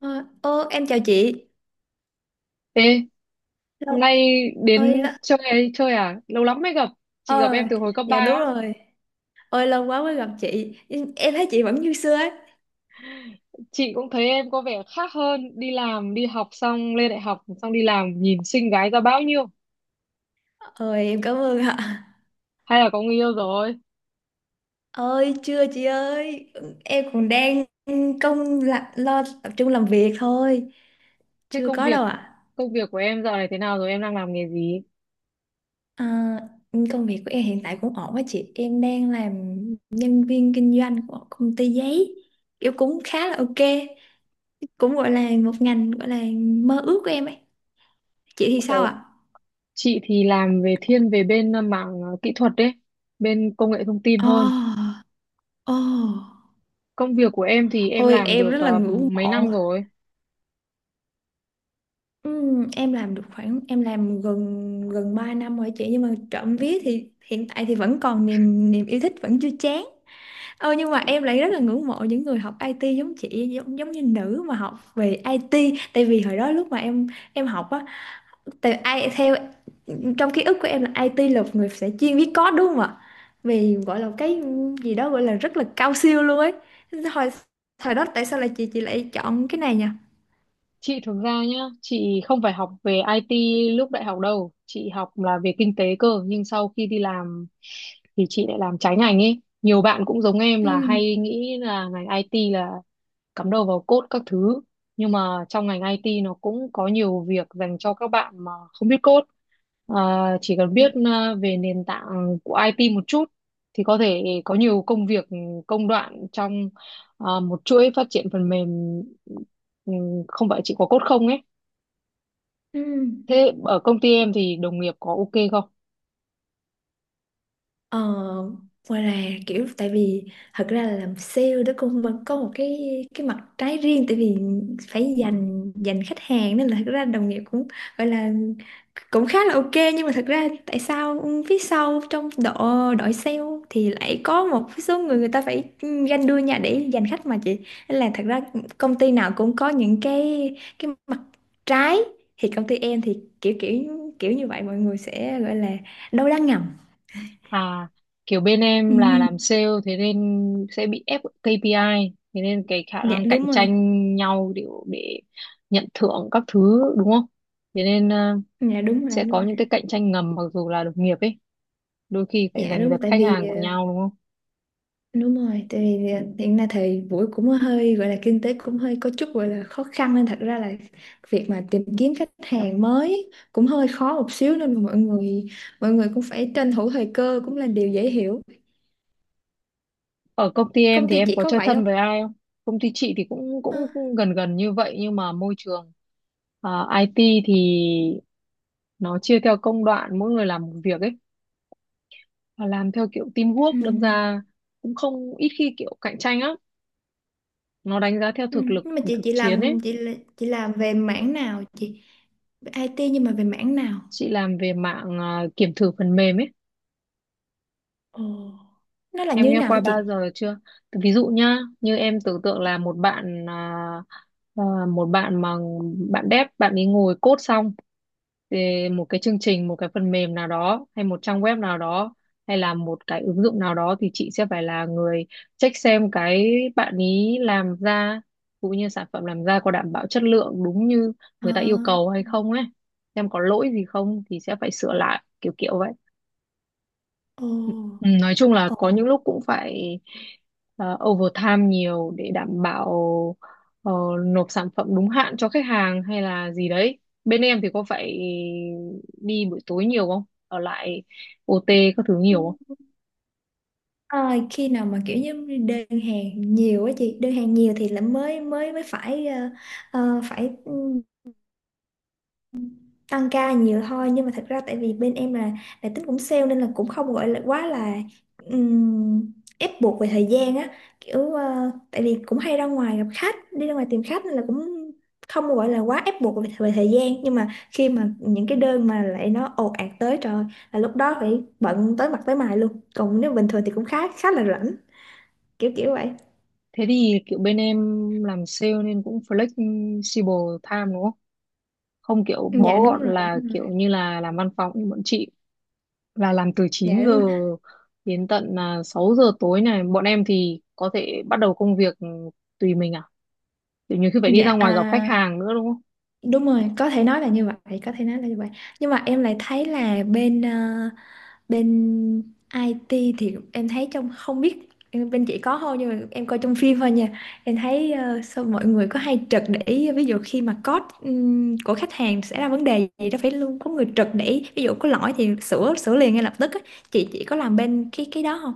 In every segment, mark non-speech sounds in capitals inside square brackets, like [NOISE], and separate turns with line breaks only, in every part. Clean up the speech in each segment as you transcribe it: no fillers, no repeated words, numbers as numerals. Ờ, ô, em chào chị.
Ê, hôm
Lâu
nay đến
ơi là...
chơi chơi à? Lâu lắm mới gặp. Chị gặp
Ờ,
em từ hồi cấp 3
dạ đúng
á.
rồi. Ôi lâu quá mới gặp chị. Em thấy chị vẫn như xưa ấy.
Chị cũng thấy em có vẻ khác hơn, đi làm, đi học xong lên đại học xong đi làm nhìn xinh gái ra bao nhiêu.
Ôi em cảm ơn ạ.
Hay là có người yêu rồi?
Ôi chưa chị ơi. Em còn đang lo tập trung làm việc thôi.
Thế
Chưa
công
có
việc
đâu ạ.
công việc của em giờ này thế nào rồi? Em đang làm nghề gì?
À, công việc của em hiện tại cũng ổn á chị. Em đang làm nhân viên kinh doanh của công ty giấy. Kiểu cũng khá là ok. Cũng gọi là một ngành gọi là mơ ước của em ấy. Chị thì sao
Ồ,
ạ?
chị thì làm về thiên về bên mảng kỹ thuật đấy, bên công nghệ thông tin hơn.
Ồ, ồ,
Công việc của em thì em
ôi
làm
em
được
rất là ngưỡng
mấy năm
mộ.
rồi?
Em làm được khoảng, em làm gần gần 3 năm rồi chị, nhưng mà trộm vía thì hiện tại thì vẫn còn niềm niềm yêu thích, vẫn chưa chán. Ờ, nhưng mà em lại rất là ngưỡng mộ những người học IT giống chị, giống giống như nữ mà học về IT. Tại vì hồi đó lúc mà em học á, tại ai theo, trong ký ức của em là IT là một người sẽ chuyên viết code đúng không ạ? Vì gọi là cái gì đó gọi là rất là cao siêu luôn ấy. Hồi thời đó tại sao lại chị lại chọn cái này nhỉ?
Chị thực ra nhá, chị không phải học về IT lúc đại học đâu, chị học là về kinh tế cơ, nhưng sau khi đi làm thì chị lại làm trái ngành ấy. Nhiều bạn cũng giống em
Ừ.
là hay nghĩ là ngành IT là cắm đầu vào code các thứ, nhưng mà trong ngành IT nó cũng có nhiều việc dành cho các bạn mà không biết code. À, chỉ cần biết về nền tảng của IT một chút thì có thể có nhiều công việc công đoạn trong một chuỗi phát triển phần mềm, ừ, không phải chỉ có code không ấy.
Ừ.
Thế ở công ty em thì đồng nghiệp có ok không?
Ờ, ngoài là kiểu, tại vì thật ra là làm sale đó cũng vẫn có một cái mặt trái riêng, tại vì phải dành dành khách hàng nên là thật ra đồng nghiệp cũng gọi là cũng khá là ok, nhưng mà thật ra tại sao phía sau, trong đội đội sale thì lại có một số người, người ta phải ganh đua nhau để giành khách mà chị. Nên là thật ra công ty nào cũng có những cái mặt trái, thì công ty em thì kiểu kiểu kiểu như vậy, mọi người sẽ gọi là đâu đang ngầm.
À, kiểu bên em là
Ừ.
làm sale thế nên sẽ bị ép KPI, thế nên cái khả
Dạ
năng
đúng
cạnh
rồi.
tranh nhau để nhận thưởng các thứ, đúng không? Thế nên
Dạ đúng rồi,
sẽ
đúng
có
rồi.
những cái cạnh tranh ngầm mặc dù là đồng nghiệp ấy, đôi khi phải
Dạ
giành
đúng
giật
rồi, tại
khách
vì
hàng của nhau đúng không?
đúng rồi, tại vì hiện nay thì Vũ cũng hơi gọi là kinh tế cũng hơi có chút gọi là khó khăn, nên thật ra là việc mà tìm kiếm khách hàng mới cũng hơi khó một xíu, nên mà mọi người cũng phải tranh thủ thời cơ cũng là điều dễ hiểu.
Ở công ty em
Công
thì
ty
em
chị
có
có
chơi
vậy
thân
không?
với ai không? Công ty chị thì cũng
Ờ,
cũng cũng gần gần như vậy, nhưng mà môi trường IT thì nó chia theo công đoạn, mỗi người làm một việc ấy, và làm theo kiểu teamwork,
ừ.
đâm ra cũng không ít khi kiểu cạnh tranh á. Nó đánh giá theo
Ừ.
thực lực
Nhưng mà chị
thực
chị
chiến
làm
ấy.
chị là- chị làm về mảng nào chị? Về IT nhưng mà về mảng nào?
Chị làm về mạng à, kiểm thử phần mềm ấy,
Ồ. Nó là như
em
thế
nghe
nào hả
qua bao
chị?
giờ chưa? Thì ví dụ nhá, như em tưởng tượng là à, một bạn mà bạn dev, bạn ấy ngồi code xong. Thì một cái chương trình, một cái phần mềm nào đó, hay một trang web nào đó, hay là một cái ứng dụng nào đó, thì chị sẽ phải là người check xem cái bạn ý làm ra cũng như sản phẩm làm ra có đảm bảo chất lượng đúng như
Ờ.
người ta yêu cầu hay không ấy, xem có lỗi gì không thì sẽ phải sửa lại kiểu kiểu vậy.
Ồ.
Ừ, nói chung là
Ồ.
có những lúc cũng phải overtime nhiều để đảm bảo ờ, nộp sản phẩm đúng hạn cho khách hàng hay là gì đấy. Bên em thì có phải đi buổi tối nhiều không? Ở lại OT các thứ nhiều không?
Ừ. À, khi nào mà kiểu như đơn hàng nhiều á chị, đơn hàng nhiều thì là mới mới mới phải phải tăng ca nhiều thôi, nhưng mà thật ra tại vì bên em là tính cũng sale nên là cũng không gọi là quá là ép buộc về thời gian á, kiểu tại vì cũng hay ra ngoài gặp khách, đi ra ngoài tìm khách nên là cũng không gọi là quá ép buộc về thời gian. Nhưng mà khi mà những cái đơn mà lại nó ồ ạt tới, trời ơi, là lúc đó phải bận tới mặt tới mày luôn, còn nếu bình thường thì cũng khá khá là rảnh, kiểu kiểu vậy.
Thế thì kiểu bên em làm sale nên cũng flexible time đúng không? Không kiểu
Dạ
bó
đúng
gọn
rồi,
là
đúng
kiểu
rồi.
như là làm văn phòng như bọn chị, là làm từ
Dạ
chín
đúng
giờ
rồi.
đến tận 6 giờ tối này. Bọn em thì có thể bắt đầu công việc tùy mình. Thì nhiều khi phải đi
Dạ,
ra ngoài gặp khách hàng nữa đúng không?
đúng rồi, có thể nói là như vậy, có thể nói là như vậy. Nhưng mà em lại thấy là bên IT thì em thấy, trong không biết, bên chị có không, nhưng mà em coi trong phim thôi nha, em thấy sao mọi người có hay trực để ý, ví dụ khi mà code của khách hàng xảy ra vấn đề gì đó phải luôn có người trực để ý, ví dụ có lỗi thì sửa sửa liền ngay lập tức á. Chị có làm bên cái đó không?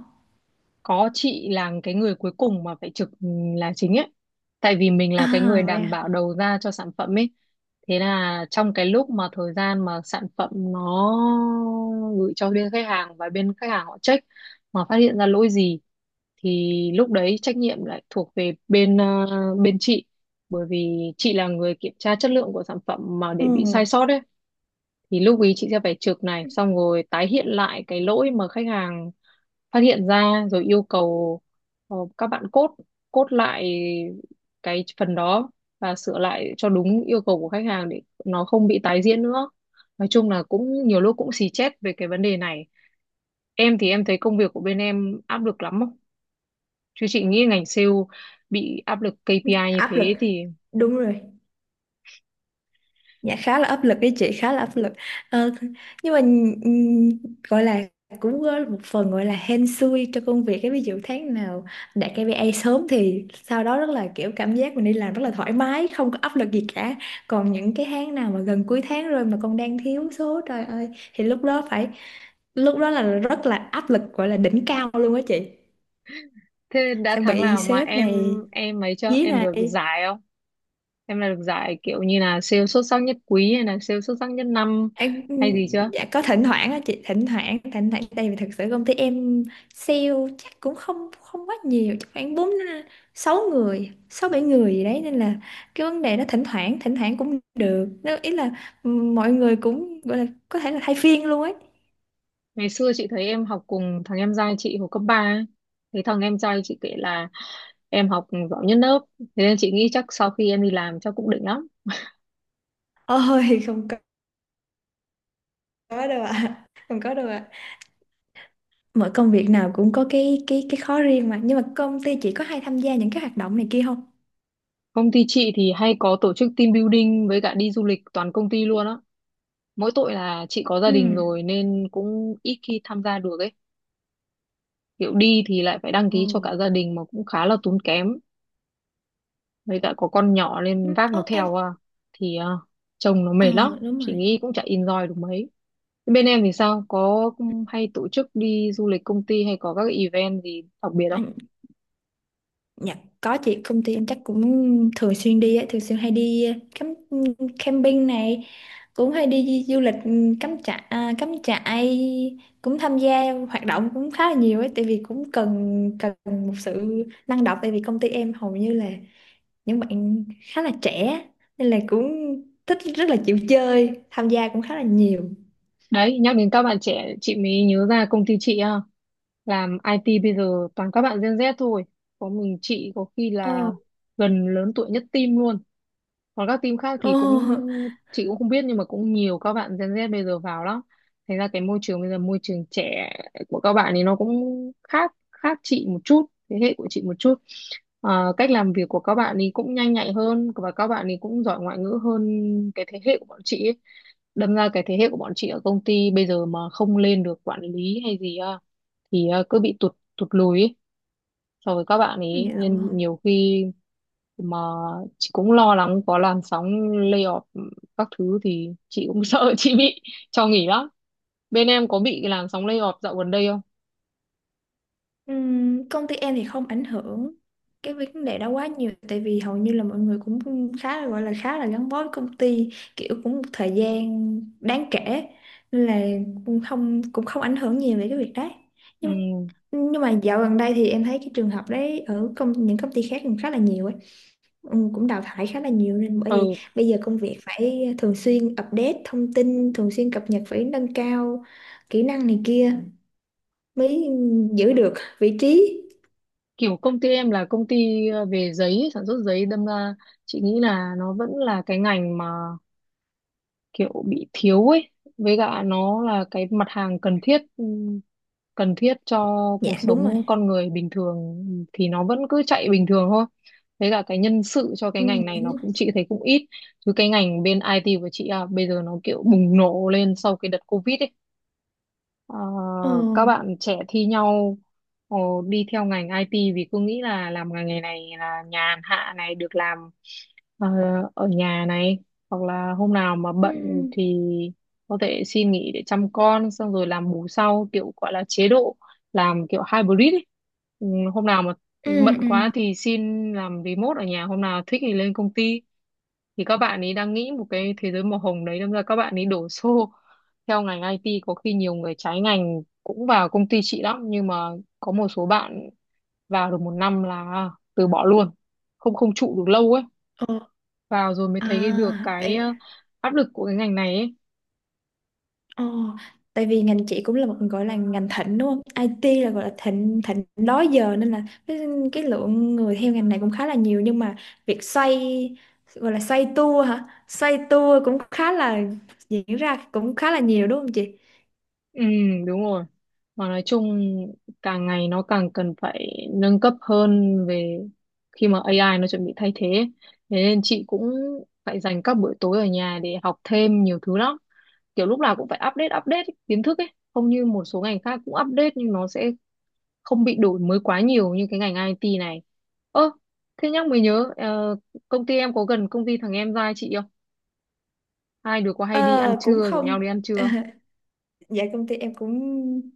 Có, chị là cái người cuối cùng mà phải trực là chính ấy. Tại vì mình là cái người
À vậy
đảm
à.
bảo đầu ra cho sản phẩm ấy. Thế là trong cái lúc mà thời gian mà sản phẩm nó gửi cho bên khách hàng và bên khách hàng họ check mà phát hiện ra lỗi gì, thì lúc đấy trách nhiệm lại thuộc về bên bên chị, bởi vì chị là người kiểm tra chất lượng của sản phẩm mà để bị sai
Ừ,
sót ấy. Thì lúc ý chị sẽ phải chụp này xong rồi tái hiện lại cái lỗi mà khách hàng phát hiện ra rồi yêu cầu các bạn cốt cốt lại cái phần đó và sửa lại cho đúng yêu cầu của khách hàng để nó không bị tái diễn nữa. Nói chung là cũng nhiều lúc cũng xì chét về cái vấn đề này. Em thì em thấy công việc của bên em áp lực lắm không? Chứ chị nghĩ ngành sale bị áp lực KPI như
áp lực,
thế thì…
đúng rồi. Dạ khá là áp lực đấy chị, khá là áp lực. Ờ, nhưng mà ừm, gọi là cũng có một phần gọi là hên xui cho công việc cái, ví dụ tháng nào đạt KPI sớm thì sau đó rất là kiểu cảm giác mình đi làm rất là thoải mái, không có áp lực gì cả, còn những cái tháng nào mà gần cuối tháng rồi mà còn đang thiếu số, trời ơi, thì lúc đó phải, lúc đó là rất là áp lực, gọi là đỉnh cao luôn á chị,
Thế đã
sẽ
tháng
bị
nào mà
sếp
em
này
em ấy chưa,
dí
em được
này.
giải không? Em là được giải kiểu như là sale xuất sắc nhất quý hay là sale xuất sắc nhất năm
À,
hay gì chưa?
dạ có thỉnh thoảng á chị, thỉnh thoảng thỉnh thoảng, tại vì thực sự công ty em sale chắc cũng không không quá nhiều, chắc khoảng bốn, sáu người, sáu bảy người gì đấy, nên là cái vấn đề nó thỉnh thoảng cũng được, nó ý là mọi người cũng gọi là có thể là thay phiên luôn ấy.
Ngày xưa chị thấy em học cùng thằng em trai chị hồi cấp 3 ấy. Thấy thằng em trai chị kể là em học giỏi nhất lớp. Thế nên chị nghĩ chắc sau khi em đi làm chắc cũng định lắm.
Ôi [LAUGHS] không có, có đâu ạ, không có đâu ạ, mọi công việc nào cũng có cái khó riêng mà. Nhưng mà công ty chị có hay tham gia những cái hoạt động này kia không?
Công ty chị thì hay có tổ chức team building với cả đi du lịch toàn công ty luôn á. Mỗi tội là chị có gia
Ừ.
đình rồi nên cũng ít khi tham gia được ấy. Kiểu đi thì lại phải đăng
Ồ.
ký cho cả gia đình mà cũng khá là tốn kém. Với cả có con nhỏ
Ừ.
nên vác nó
Ô, em.
theo thì chồng nó mệt
Ờ,
lắm,
đúng
chị nghĩ cũng chả enjoy được mấy. Thế bên em thì sao, có hay tổ chức đi du lịch công ty hay có các event gì đặc biệt không?
rồi. Dạ, có chị, công ty em chắc cũng thường xuyên đi ấy, thường xuyên hay đi cắm camping này, cũng hay đi du lịch, cắm trại, cắm trại, cũng tham gia hoạt động cũng khá là nhiều ấy, tại vì cũng cần cần một sự năng động, tại vì công ty em hầu như là những bạn khá là trẻ nên là cũng thích, rất là chịu chơi, tham gia cũng khá là nhiều.
Đấy, nhắc đến các bạn trẻ chị mới nhớ ra công ty chị làm IT bây giờ toàn các bạn Gen Z thôi, có mình chị có khi
Ồ,
là gần lớn tuổi nhất team luôn. Còn các team khác
ồ.
thì cũng
[LAUGHS]
chị cũng không biết, nhưng mà cũng nhiều các bạn Gen Z bây giờ vào lắm, thành ra cái môi trường bây giờ môi trường trẻ của các bạn thì nó cũng khác khác chị một chút, thế hệ của chị một chút. Ờ, cách làm việc của các bạn thì cũng nhanh nhạy hơn và các bạn thì cũng giỏi ngoại ngữ hơn cái thế hệ của bọn chị ấy. Đâm ra cái thế hệ của bọn chị ở công ty bây giờ mà không lên được quản lý hay gì thì cứ bị tụt tụt lùi ấy so với các bạn ấy,
Dạ vâng.
nên nhiều khi mà chị cũng lo lắng có làn sóng layoff các thứ thì chị cũng [LAUGHS] sợ chị bị cho nghỉ lắm. Bên em có bị làn sóng layoff dạo gần đây không?
Công ty em thì không ảnh hưởng cái vấn đề đó quá nhiều, tại vì hầu như là mọi người cũng khá là, gọi là khá là gắn bó với công ty, kiểu cũng một thời gian đáng kể, nên là cũng không ảnh hưởng nhiều về cái việc đấy.
Ừ.
Nhưng nhưng mà dạo gần đây thì em thấy cái trường hợp đấy ở công, những công ty khác cũng khá là nhiều ấy. Ừ, cũng đào thải khá là nhiều, nên bởi vậy
Ừ,
bây giờ công việc phải thường xuyên update thông tin, thường xuyên cập nhật, phải nâng cao kỹ năng này kia mới giữ được vị trí.
kiểu công ty em là công ty về giấy, sản xuất giấy, đâm ra chị nghĩ là nó vẫn là cái ngành mà kiểu bị thiếu ấy, với cả nó là cái mặt hàng cần thiết, cần thiết cho cuộc
Dạ đúng rồi.
sống con người bình thường thì nó vẫn cứ chạy bình thường thôi. Với cả cái nhân sự cho cái
Ừ.
ngành này
Dạ
nó
đúng rồi.
cũng chị thấy cũng ít, chứ cái ngành bên IT của chị bây giờ nó kiểu bùng nổ lên sau cái đợt Covid ấy. Ờ,
Ồ.
các bạn trẻ thi nhau ờ, đi theo ngành IT vì cứ nghĩ là làm ngành nghề này là nhàn hạ này, được làm ờ, ở nhà này, hoặc là hôm nào mà
Ừ.
bận thì có thể xin nghỉ để chăm con xong rồi làm bù sau, kiểu gọi là chế độ làm kiểu hybrid ấy. Ừ, Hôm nào mà
Ừ.
bận quá
Ừ.
thì xin làm remote ở nhà, hôm nào thích thì lên công ty. Thì các bạn ấy đang nghĩ một cái thế giới màu hồng đấy, đâm ra các bạn ấy đổ xô [LAUGHS] theo ngành IT, có khi nhiều người trái ngành cũng vào công ty chị lắm, nhưng mà có một số bạn vào được một năm là từ bỏ luôn, không không trụ được lâu ấy,
Ồ.
vào rồi mới
À.
thấy cái được
Ê.
cái áp lực của cái ngành này ấy.
Ồ. Tại vì ngành chị cũng là một gọi là ngành thịnh đúng không? IT là gọi là thịnh thịnh đó giờ, nên là cái lượng người theo ngành này cũng khá là nhiều, nhưng mà việc xoay, gọi là xoay tua hả? Xoay tua cũng khá là diễn ra cũng khá là nhiều đúng không chị?
Ừ, đúng rồi. Mà nói chung càng ngày nó càng cần phải nâng cấp hơn về khi mà AI nó chuẩn bị thay thế. Thế nên chị cũng phải dành các buổi tối ở nhà để học thêm nhiều thứ lắm. Kiểu lúc nào cũng phải update update kiến thức ấy. Không như một số ngành khác cũng update nhưng nó sẽ không bị đổi mới quá nhiều như cái ngành IT này. Ơ, thế nhắc mới nhớ, công ty em có gần công ty thằng em trai chị không? Hai đứa có hay đi ăn
Ờ cũng
trưa, rủ nhau
không.
đi ăn trưa?
[LAUGHS] Dạ công ty em cũng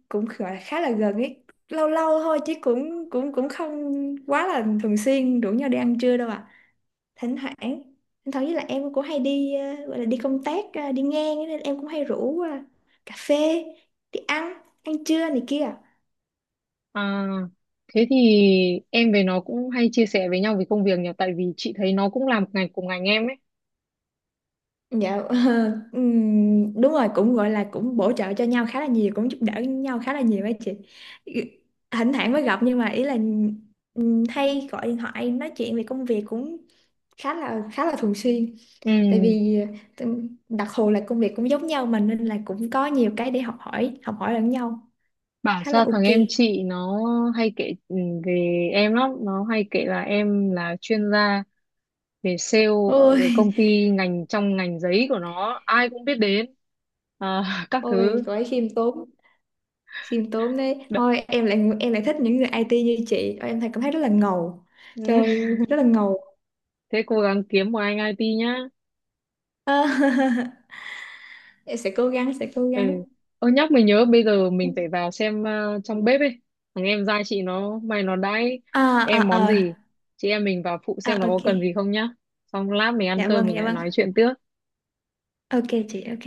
cũng gọi là khá là gần ấy, lâu lâu thôi chứ cũng cũng cũng không quá là thường xuyên rủ nhau đi ăn trưa đâu ạ. À, thỉnh thoảng thỉnh thoảng, với lại em cũng hay đi gọi là đi công tác, đi ngang ấy, nên em cũng hay rủ cà phê, đi ăn ăn trưa này kia.
À, thế thì em với nó cũng hay chia sẻ với nhau về công việc nhỉ, tại vì chị thấy nó cũng làm ngành cùng ngành em ấy.
Dạ. [LAUGHS] Ờ, Đúng rồi, cũng gọi là cũng bổ trợ cho nhau khá là nhiều, cũng giúp đỡ nhau khá là nhiều ấy chị, thỉnh thoảng mới gặp nhưng mà ý là hay gọi điện thoại nói chuyện về công việc cũng khá là thường xuyên,
Ừ,
tại vì đặc thù là công việc cũng giống nhau mà, nên là cũng có nhiều cái để học hỏi lẫn nhau,
bảo
khá là
sao
ok.
thằng em chị nó hay kể về em lắm, nó hay kể là em là chuyên gia về sale ở cái
Ôi.
công
[LAUGHS]
ty ngành trong ngành giấy của nó, ai cũng biết đến. À, [LAUGHS] các
Ôi,
thứ.
cô ấy khiêm tốn, khiêm tốn đấy
Đ-
thôi. Em lại thích những người IT như chị. Ôi, em thấy, cảm thấy rất là ngầu, trời
[LAUGHS]
ơi, rất là ngầu.
Thế cố gắng kiếm một anh IT nhá.
Ờ. [LAUGHS] Em sẽ cố gắng, sẽ cố
Ừ.
gắng.
Ơ nhắc mình nhớ bây giờ mình phải vào xem trong bếp ấy. Thằng em giai chị nó đãi
À.
em món
À.
gì.
À.
Chị em mình vào phụ xem nó
À,
có
ok.
cần gì không nhá. Xong lát mình ăn
Dạ
cơm
vâng.
mình
Dạ
lại
vâng,
nói chuyện tiếp.
ok chị, ok.